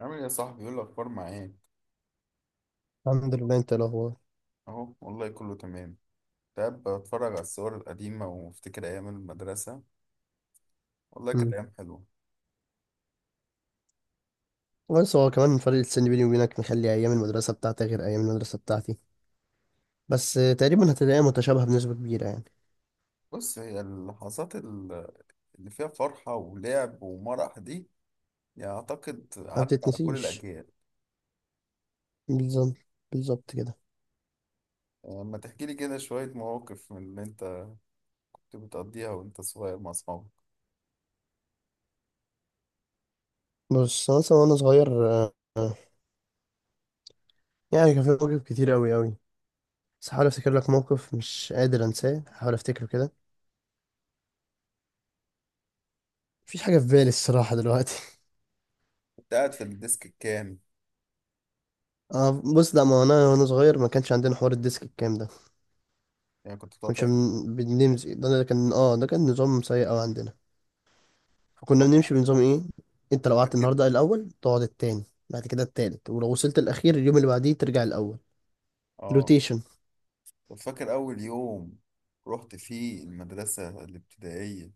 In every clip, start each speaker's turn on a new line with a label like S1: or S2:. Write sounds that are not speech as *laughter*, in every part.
S1: عامل ايه يا صاحبي؟ يقول الاخبار معاك.
S2: الحمد لله. انت إيه الاخبار؟
S1: اهو والله كله تمام. تعب بتفرج على الصور القديمه وافتكر ايام المدرسه. والله كانت
S2: امم.
S1: ايام حلوه.
S2: بس هو كمان فرق السن بيني وبينك مخلي ايام المدرسه بتاعتك غير ايام المدرسه بتاعتي. بس تقريبا هتلاقيها متشابهه بنسبه كبيره يعني.
S1: بص، هي اللحظات اللي فيها فرحه ولعب ومرح دي، يعني اعتقد
S2: ما
S1: عدت على كل
S2: بتتنسيش.
S1: الاجيال.
S2: بالظبط، بالظبط كده.
S1: لما تحكي لي كده شويه مواقف من اللي انت كنت بتقضيها وانت صغير مع اصحابك.
S2: بص مثلا وانا صغير، يعني كان في مواقف كتير قوي قوي. بس هحاول افتكر لك موقف مش قادر انساه، هحاول افتكره كده. مفيش حاجه في بالي الصراحه دلوقتي.
S1: كنت قاعد في الديسك الكام؟
S2: *laughs* اه، بص، لا، ما انا وانا صغير ما كانش عندنا حوار الديسك الكام ده.
S1: يعني كنت بتقعد
S2: كناش بنمزق. ده كان نظام سيء قوي عندنا. فكنا
S1: طبعا.
S2: بنمشي بنظام ايه. انت لو قعدت
S1: فاكر.
S2: النهارده الاول، تقعد التاني، بعد كده التالت، ولو وصلت الاخير اليوم اللي بعديه ترجع الاول.
S1: اه.
S2: روتيشن.
S1: طب فاكر اول يوم رحت فيه المدرسه الابتدائيه؟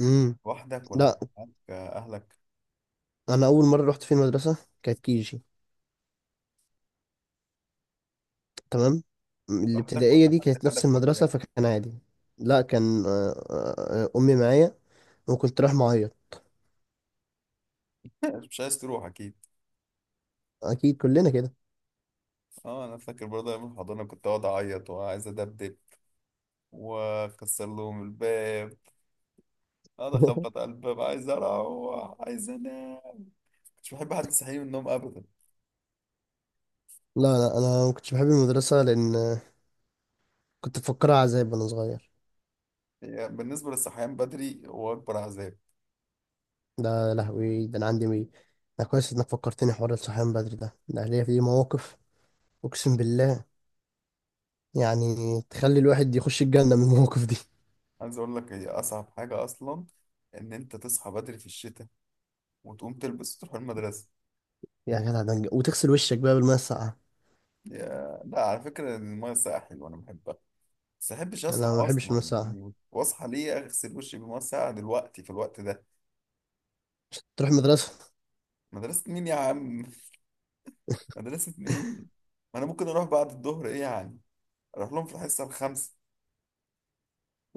S2: امم.
S1: لوحدك ولا كان
S2: لا،
S1: معاك أهلك؟
S2: انا اول مره رحت في المدرسه كانت كيجي، تمام،
S1: لوحدك
S2: الابتدائيه
S1: ولا
S2: دي
S1: حد
S2: كانت نفس
S1: خدك
S2: المدرسه
S1: وداك؟
S2: فكان عادي. لا، كان امي معايا وكنت رايح معيط.
S1: *laughs* مش عايز تروح أكيد.
S2: اكيد كلنا كده.
S1: أه أنا فاكر برضه أيام الحضانة كنت أقعد أعيط وعايز أدبدب وأكسر لهم الباب. أقعد أخبط
S2: *laughs*
S1: على الباب، عايز أروح عايز أنام. مش بحب حد يصحيني من النوم أبدا.
S2: لا، لا، انا ما كنتش بحب المدرسه لان كنت بفكرها عذاب وانا صغير.
S1: يعني بالنسبة للصحيان بدري هو أكبر عذاب.
S2: ده يا لهوي، ده انا عندي مي. ده كويس انك فكرتني حوار الصحيان بدري ده ليا فيه مواقف. اقسم بالله، يعني تخلي الواحد يخش الجنه من المواقف دي.
S1: عايز أقول لك، هي أصعب حاجة أصلا إن أنت تصحى بدري في الشتاء وتقوم تلبس وتروح المدرسة.
S2: يا جدع ده وتغسل وشك بقى بالميه الساقعه.
S1: يا لا، على فكرة المية الساقعة حلوة أنا بحبها، بس احبش اصحى
S2: انا ما بحبش الميه
S1: اصلا،
S2: الساقعه.
S1: يعني واصحى ليه اغسل وشي بميه ساقعه دلوقتي في الوقت ده؟
S2: تروح المدرسه؟
S1: مدرسه مين يا عم؟ *laughs* مدرسه مين؟ ما انا ممكن اروح بعد الظهر، ايه يعني؟ اروح لهم في الحصه الخامسه.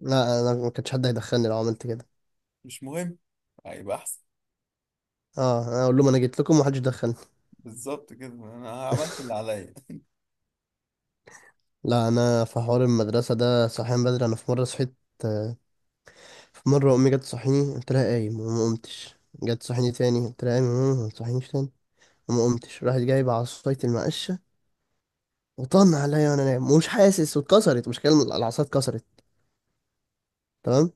S2: لا، انا ما كانش حد هيدخلني لو عملت كده.
S1: مش مهم، هيبقى احسن.
S2: اه، انا اقول لهم انا جيت لكم ومحدش دخلني.
S1: بالظبط كده، انا عملت
S2: *laughs*
S1: اللي عليا. *laughs*
S2: لا، انا في حوار المدرسه ده صحيان بدري. انا في مره صحيت. آه، في مره امي جت تصحيني، قلت لها قايم، وما قمتش. جت تصحيني تاني، قلت لها قايم يا ماما ما تصحينيش تاني، وما قمتش. راحت جايبه عصايه المقشه وطن عليا وانا نايم ومش حاسس، واتكسرت، مش كلمه، العصايه اتكسرت، تمام،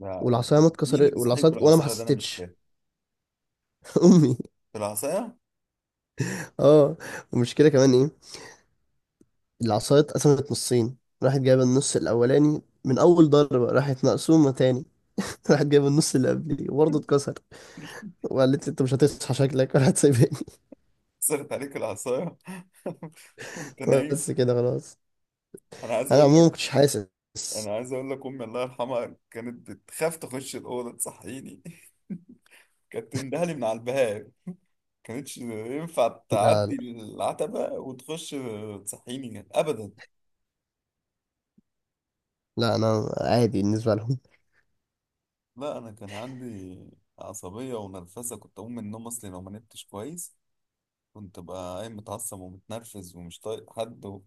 S1: لا.
S2: والعصايه ما
S1: مين اللي
S2: اتكسرت،
S1: بيصحيك
S2: والعصايه وانا ما
S1: بالعصايه ده؟ انا مش
S2: حسيتش.
S1: فاهم.
S2: *laughs* امي.
S1: بالعصايه؟
S2: اه والمشكله كمان ايه؟ العصايه اتقسمت نصين. راحت جايبه النص الاولاني من اول ضربه، راحت مقسومه تاني. *laughs* راحت جايبه النص اللي قبليه وبرضه اتكسر.
S1: *laughs*
S2: وقالت لي انت مش هتصحى شكلك ولا هتسيبني.
S1: صرت عليك العصايه *laughs* وانت
S2: *laughs*
S1: نايم.
S2: بس كده خلاص.
S1: انا عايز
S2: انا
S1: اقول
S2: عموما ما
S1: لك،
S2: كنتش حاسس.
S1: انا عايز اقول لك، امي الله يرحمها كانت بتخاف تخش الاوضه تصحيني. *laughs* كانت تندهلي من على الباب، كانتش ينفع
S2: لا، لا،
S1: تعدي العتبة وتخش تصحيني يعني أبدا.
S2: لا، انا عادي بالنسبه لهم.
S1: لا أنا كان عندي عصبية ونرفزة، كنت أقوم من النوم أصلي لو ما نمتش كويس. كنت بقى قايم متعصب ومتنرفز ومش طايق حد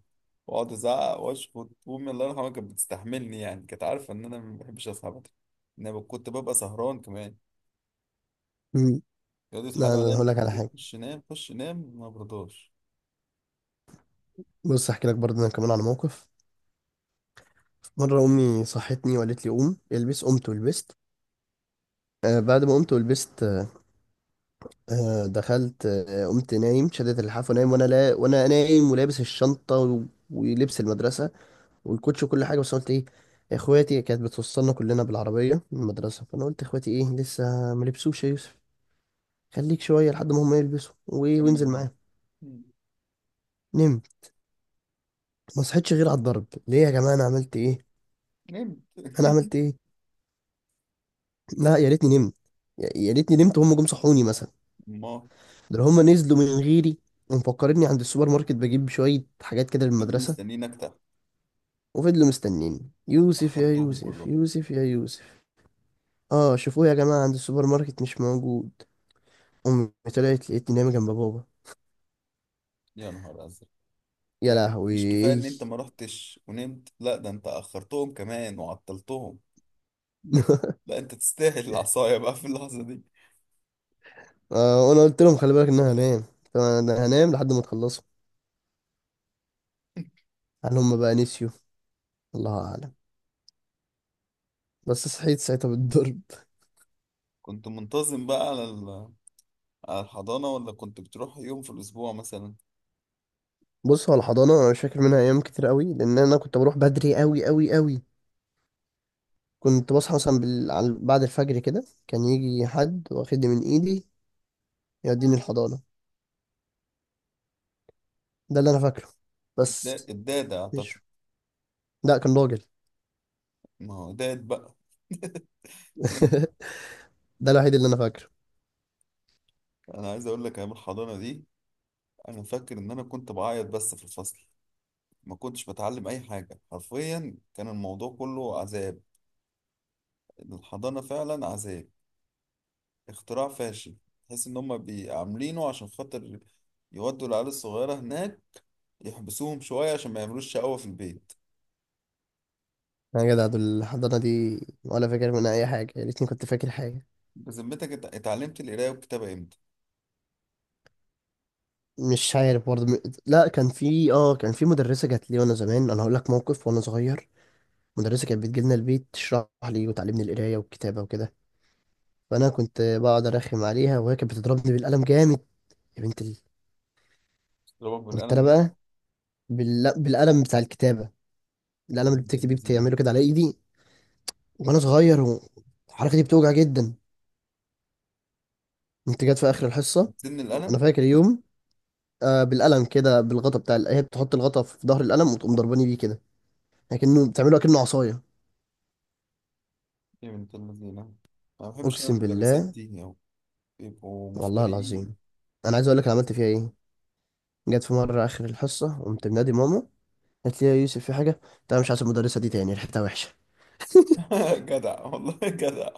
S1: وأقعد أزعق وأشخط، وأمي الله يرحمها كانت بتستحملني، يعني كانت عارفة إن أنا ما بحبش أصحى بدري، إن أنا كنت ببقى سهران كمان.
S2: *laughs* مم.
S1: يقعدوا
S2: لا،
S1: يتحايلوا
S2: انا
S1: عليا
S2: هقول
S1: من
S2: لك على
S1: بالليل،
S2: حاجه.
S1: خش نام خش نام، ما برضاش.
S2: بص احكي لك برضه انا كمان على موقف. مره امي صحتني وقالت لي قوم البس. قمت ولبست. آه، بعد ما قمت ولبست دخلت. قمت نايم، شدت اللحاف ونايم، وانا لا وانا نايم ولابس الشنطه ولبس المدرسه والكوتش وكل حاجه. بس قلت ايه، اخواتي كانت بتوصلنا كلنا بالعربيه من المدرسه. فانا قلت اخواتي ايه لسه ما لبسوش يا يوسف. خليك شويه لحد ما هم يلبسوا وانزل
S1: كمل نوم.
S2: معاهم.
S1: مم.
S2: نمت. ما صحيتش غير على الضرب، ليه يا جماعه انا عملت ايه،
S1: نمت.
S2: انا
S1: *laughs*
S2: عملت ايه. لا يا ريتني نمت، يا ريتني نمت وهم جم صحوني مثلا.
S1: ما
S2: ده هم نزلوا من غيري ومفكرني عند السوبر ماركت بجيب شويه حاجات كده
S1: فضلوا
S2: للمدرسه.
S1: مستنيين أكتر.
S2: وفضلوا مستنيين: يوسف، يا
S1: أخرتهم
S2: يوسف،
S1: كلهم.
S2: يوسف، يا يوسف. اه شوفوه يا جماعة عند السوبر ماركت مش موجود. أمي طلعت لقيتني نايمة جنب بابا.
S1: يا نهار ازرق.
S2: يا
S1: يعني مش كفايه
S2: لهوي.
S1: ان انت ما رحتش ونمت، لا ده انت اخرتهم كمان وعطلتهم.
S2: *laughs*
S1: لا انت تستاهل العصايه بقى في اللحظه دي.
S2: وأنا قلت لهم خلي بالك إن أنا هنام. طبعا أنا هنام لحد ما تخلصوا. هل هم بقى نسيوا؟ الله أعلم. بس صحيت ساعتها بالضرب.
S1: كنت منتظم بقى على على الحضانه، ولا كنت بتروح يوم في الاسبوع مثلا؟
S2: بص هو الحضانة أنا مش فاكر منها أيام كتير قوي لأن أنا كنت بروح بدري قوي قوي قوي. كنت بصحى مثلا بعد الفجر كده كان يجي حد واخدني من إيدي يوديني الحضانة. ده اللي أنا فاكره. بس
S1: الداده اعتقد.
S2: مش لا، كان راجل.
S1: ما هو داد بقى. *laughs*
S2: *laughs* ده الوحيد اللي انا فاكره.
S1: انا عايز اقول لك، ايام الحضانه دي انا فاكر ان انا كنت بعيط بس في الفصل. ما كنتش بتعلم اي حاجه حرفيا، كان الموضوع كله عذاب. الحضانه فعلا عذاب، اختراع فاشل. تحس ان هم عاملينه عشان خاطر يودوا العيال الصغيرة هناك، يحبسوهم شوية عشان ما يعملوش شقاوة في البيت.
S2: يا جدع دول الحضانه دي ولا فاكر منها اي حاجه. يا ريتني كنت فاكر حاجه.
S1: بذمتك اتعلمت القراية والكتابة امتى؟
S2: مش عارف برضه لا، كان في مدرسه جات لي وانا زمان. انا هقول لك موقف وانا صغير. مدرسه كانت بتجي لنا البيت تشرح لي وتعلمني القرايه والكتابه وكده. فانا كنت بقعد ارخم عليها وهي كانت بتضربني بالقلم جامد. يا بنت ال...
S1: ضربك
S2: كنت
S1: بالقلم
S2: انا
S1: جامد؟
S2: بقى بالقلم بتاع الكتابه. القلم
S1: يا
S2: اللي
S1: بنت
S2: بتكتب بيه
S1: اللذينة.
S2: بتعمله كده على ايدي وانا صغير. والحركه دي بتوجع جدا. انت جت في اخر الحصه.
S1: بتسن
S2: انا
S1: القلم؟
S2: فاكر يوم، بالقلم كده بالغطا بتاع هي بتحط الغطا في ظهر القلم وتقوم ضرباني بيه كده لكنه بتعمله كأنه عصايه.
S1: يا بنت اللذينة، أنا ما بحبش أنا
S2: اقسم بالله،
S1: المدرسات دي يعني، بيبقوا
S2: والله
S1: مفتريين.
S2: العظيم. انا عايز اقول لك انا عملت فيها ايه. جت في مره اخر الحصه قمت منادي ماما. قالت لي يا يوسف في حاجه؟ قلت لها مش عايز المدرسه دي تاني، ريحتها وحشه.
S1: *laughs* جدع والله جدع.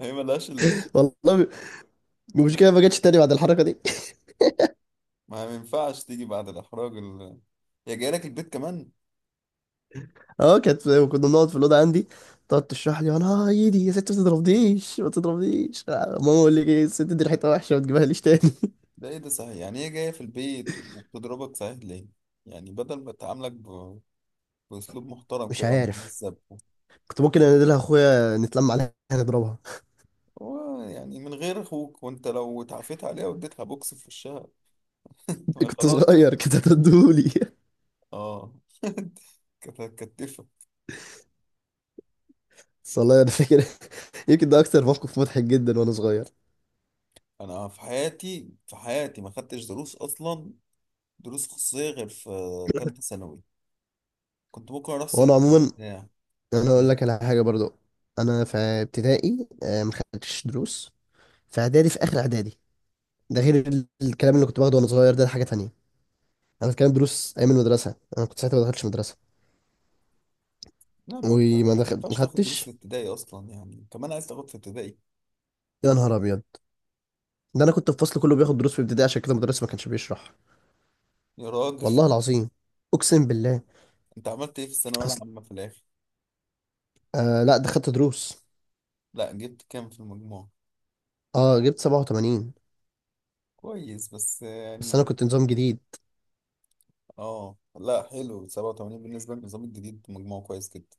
S1: هي ملهاش إلا كده.
S2: *laughs* والله. مش كده ما جاتش تاني بعد الحركه دي.
S1: ما ينفعش تيجي بعد الإحراج يا جاي لك البيت كمان.
S2: *laughs* اه كانت كنا بنقعد في الاوضه عندي تقعد تشرح لي. انا ايدي يا ست ما تضربنيش ما تضربنيش. ماما اقول لك ايه الست دي ريحتها وحشه ما تجيبها ليش تاني.
S1: ده ايه ده صحيح؟ يعني هي جاية في البيت وبتضربك؟ صحيح ليه؟ يعني بدل ما تعاملك بأسلوب
S2: *laughs*
S1: محترم
S2: مش
S1: كده
S2: عارف.
S1: ومهذب.
S2: كنت ممكن انادلها اخويا نتلم عليها نضربها.
S1: هو يعني من غير اخوك، وانت لو اتعافيت عليها واديتها بوكس في وشها؟
S2: *laughs*
S1: ما هي
S2: كنت
S1: خلاص.
S2: صغير كده تدولي.
S1: اه. *laughs* كانت هتكتفك.
S2: والله انا فاكر. *laughs* يمكن ده اكتر موقف مضحك جدا وانا صغير.
S1: انا في حياتي، في حياتي ما خدتش دروس اصلا، دروس خصوصية، غير في ثالثة ثانوي. كنت ممكن اروح سنة
S2: وانا عموما
S1: بتاع
S2: انا اقول
S1: قبلها.
S2: لك على حاجه برضو. انا في ابتدائي ما خدتش دروس. في اعدادي، في اخر اعدادي. ده غير الكلام اللي كنت باخده وانا صغير، ده حاجه تانية. انا بتكلم دروس ايام المدرسه. انا كنت ساعتها ما دخلتش مدرسه
S1: لا ما انت،
S2: وما
S1: ما
S2: دخل ما
S1: ينفعش تاخد دروس في
S2: خدتش.
S1: ابتدائي اصلا، يعني كمان عايز تاخد في ابتدائي؟
S2: يا نهار ابيض، ده انا كنت في فصل كله بياخد دروس في ابتدائي عشان كده المدرس ما كانش بيشرح.
S1: يا راجل.
S2: والله العظيم، اقسم بالله.
S1: انت عملت ايه في الثانوية العامة في الآخر؟
S2: آه لا، ده خدت دروس.
S1: لا جبت كام في المجموع؟
S2: اه جبت 87.
S1: كويس بس
S2: بس انا
S1: يعني.
S2: كنت نظام جديد.
S1: اه لا، حلو، 87 بالنسبة للنظام الجديد مجموع كويس جدا.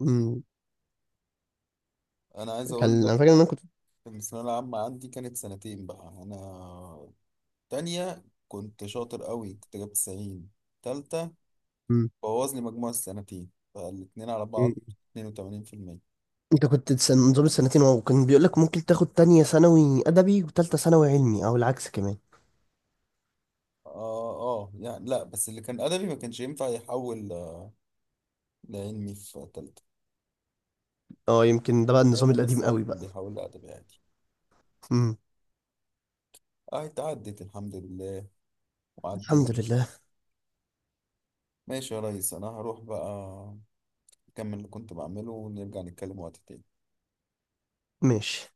S2: مم.
S1: انا عايز
S2: كان
S1: اقول لك
S2: انا فاكر ان انا كنت.
S1: ان الثانوية العامة عندي كانت سنتين بقى انا. تانية كنت شاطر قوي، كنت جايب 90. تالتة
S2: مم.
S1: بوظ لي مجموع السنتين، فالاتنين على بعض
S2: مم.
S1: 82%.
S2: انت كنت نظام السنتين. واو، كان بيقول لك ممكن تاخد تانية ثانوي ادبي وتالتة ثانوي علمي او العكس كمان.
S1: اه. اه يعني، لا بس اللي كان ادبي ما كانش ينفع يحول لعلمي في تالتة.
S2: اه، يمكن ده بقى النظام
S1: علمي بس
S2: القديم
S1: هو اللي
S2: قوي
S1: كان
S2: بقى.
S1: بيحول لأدبي عادي.
S2: مم.
S1: اه اتعدت الحمد لله،
S2: الحمد
S1: وعدينا.
S2: لله.
S1: ماشي يا ريس، انا هروح بقى اكمل اللي كنت بعمله، ونرجع نتكلم وقت تاني.
S2: ماشي.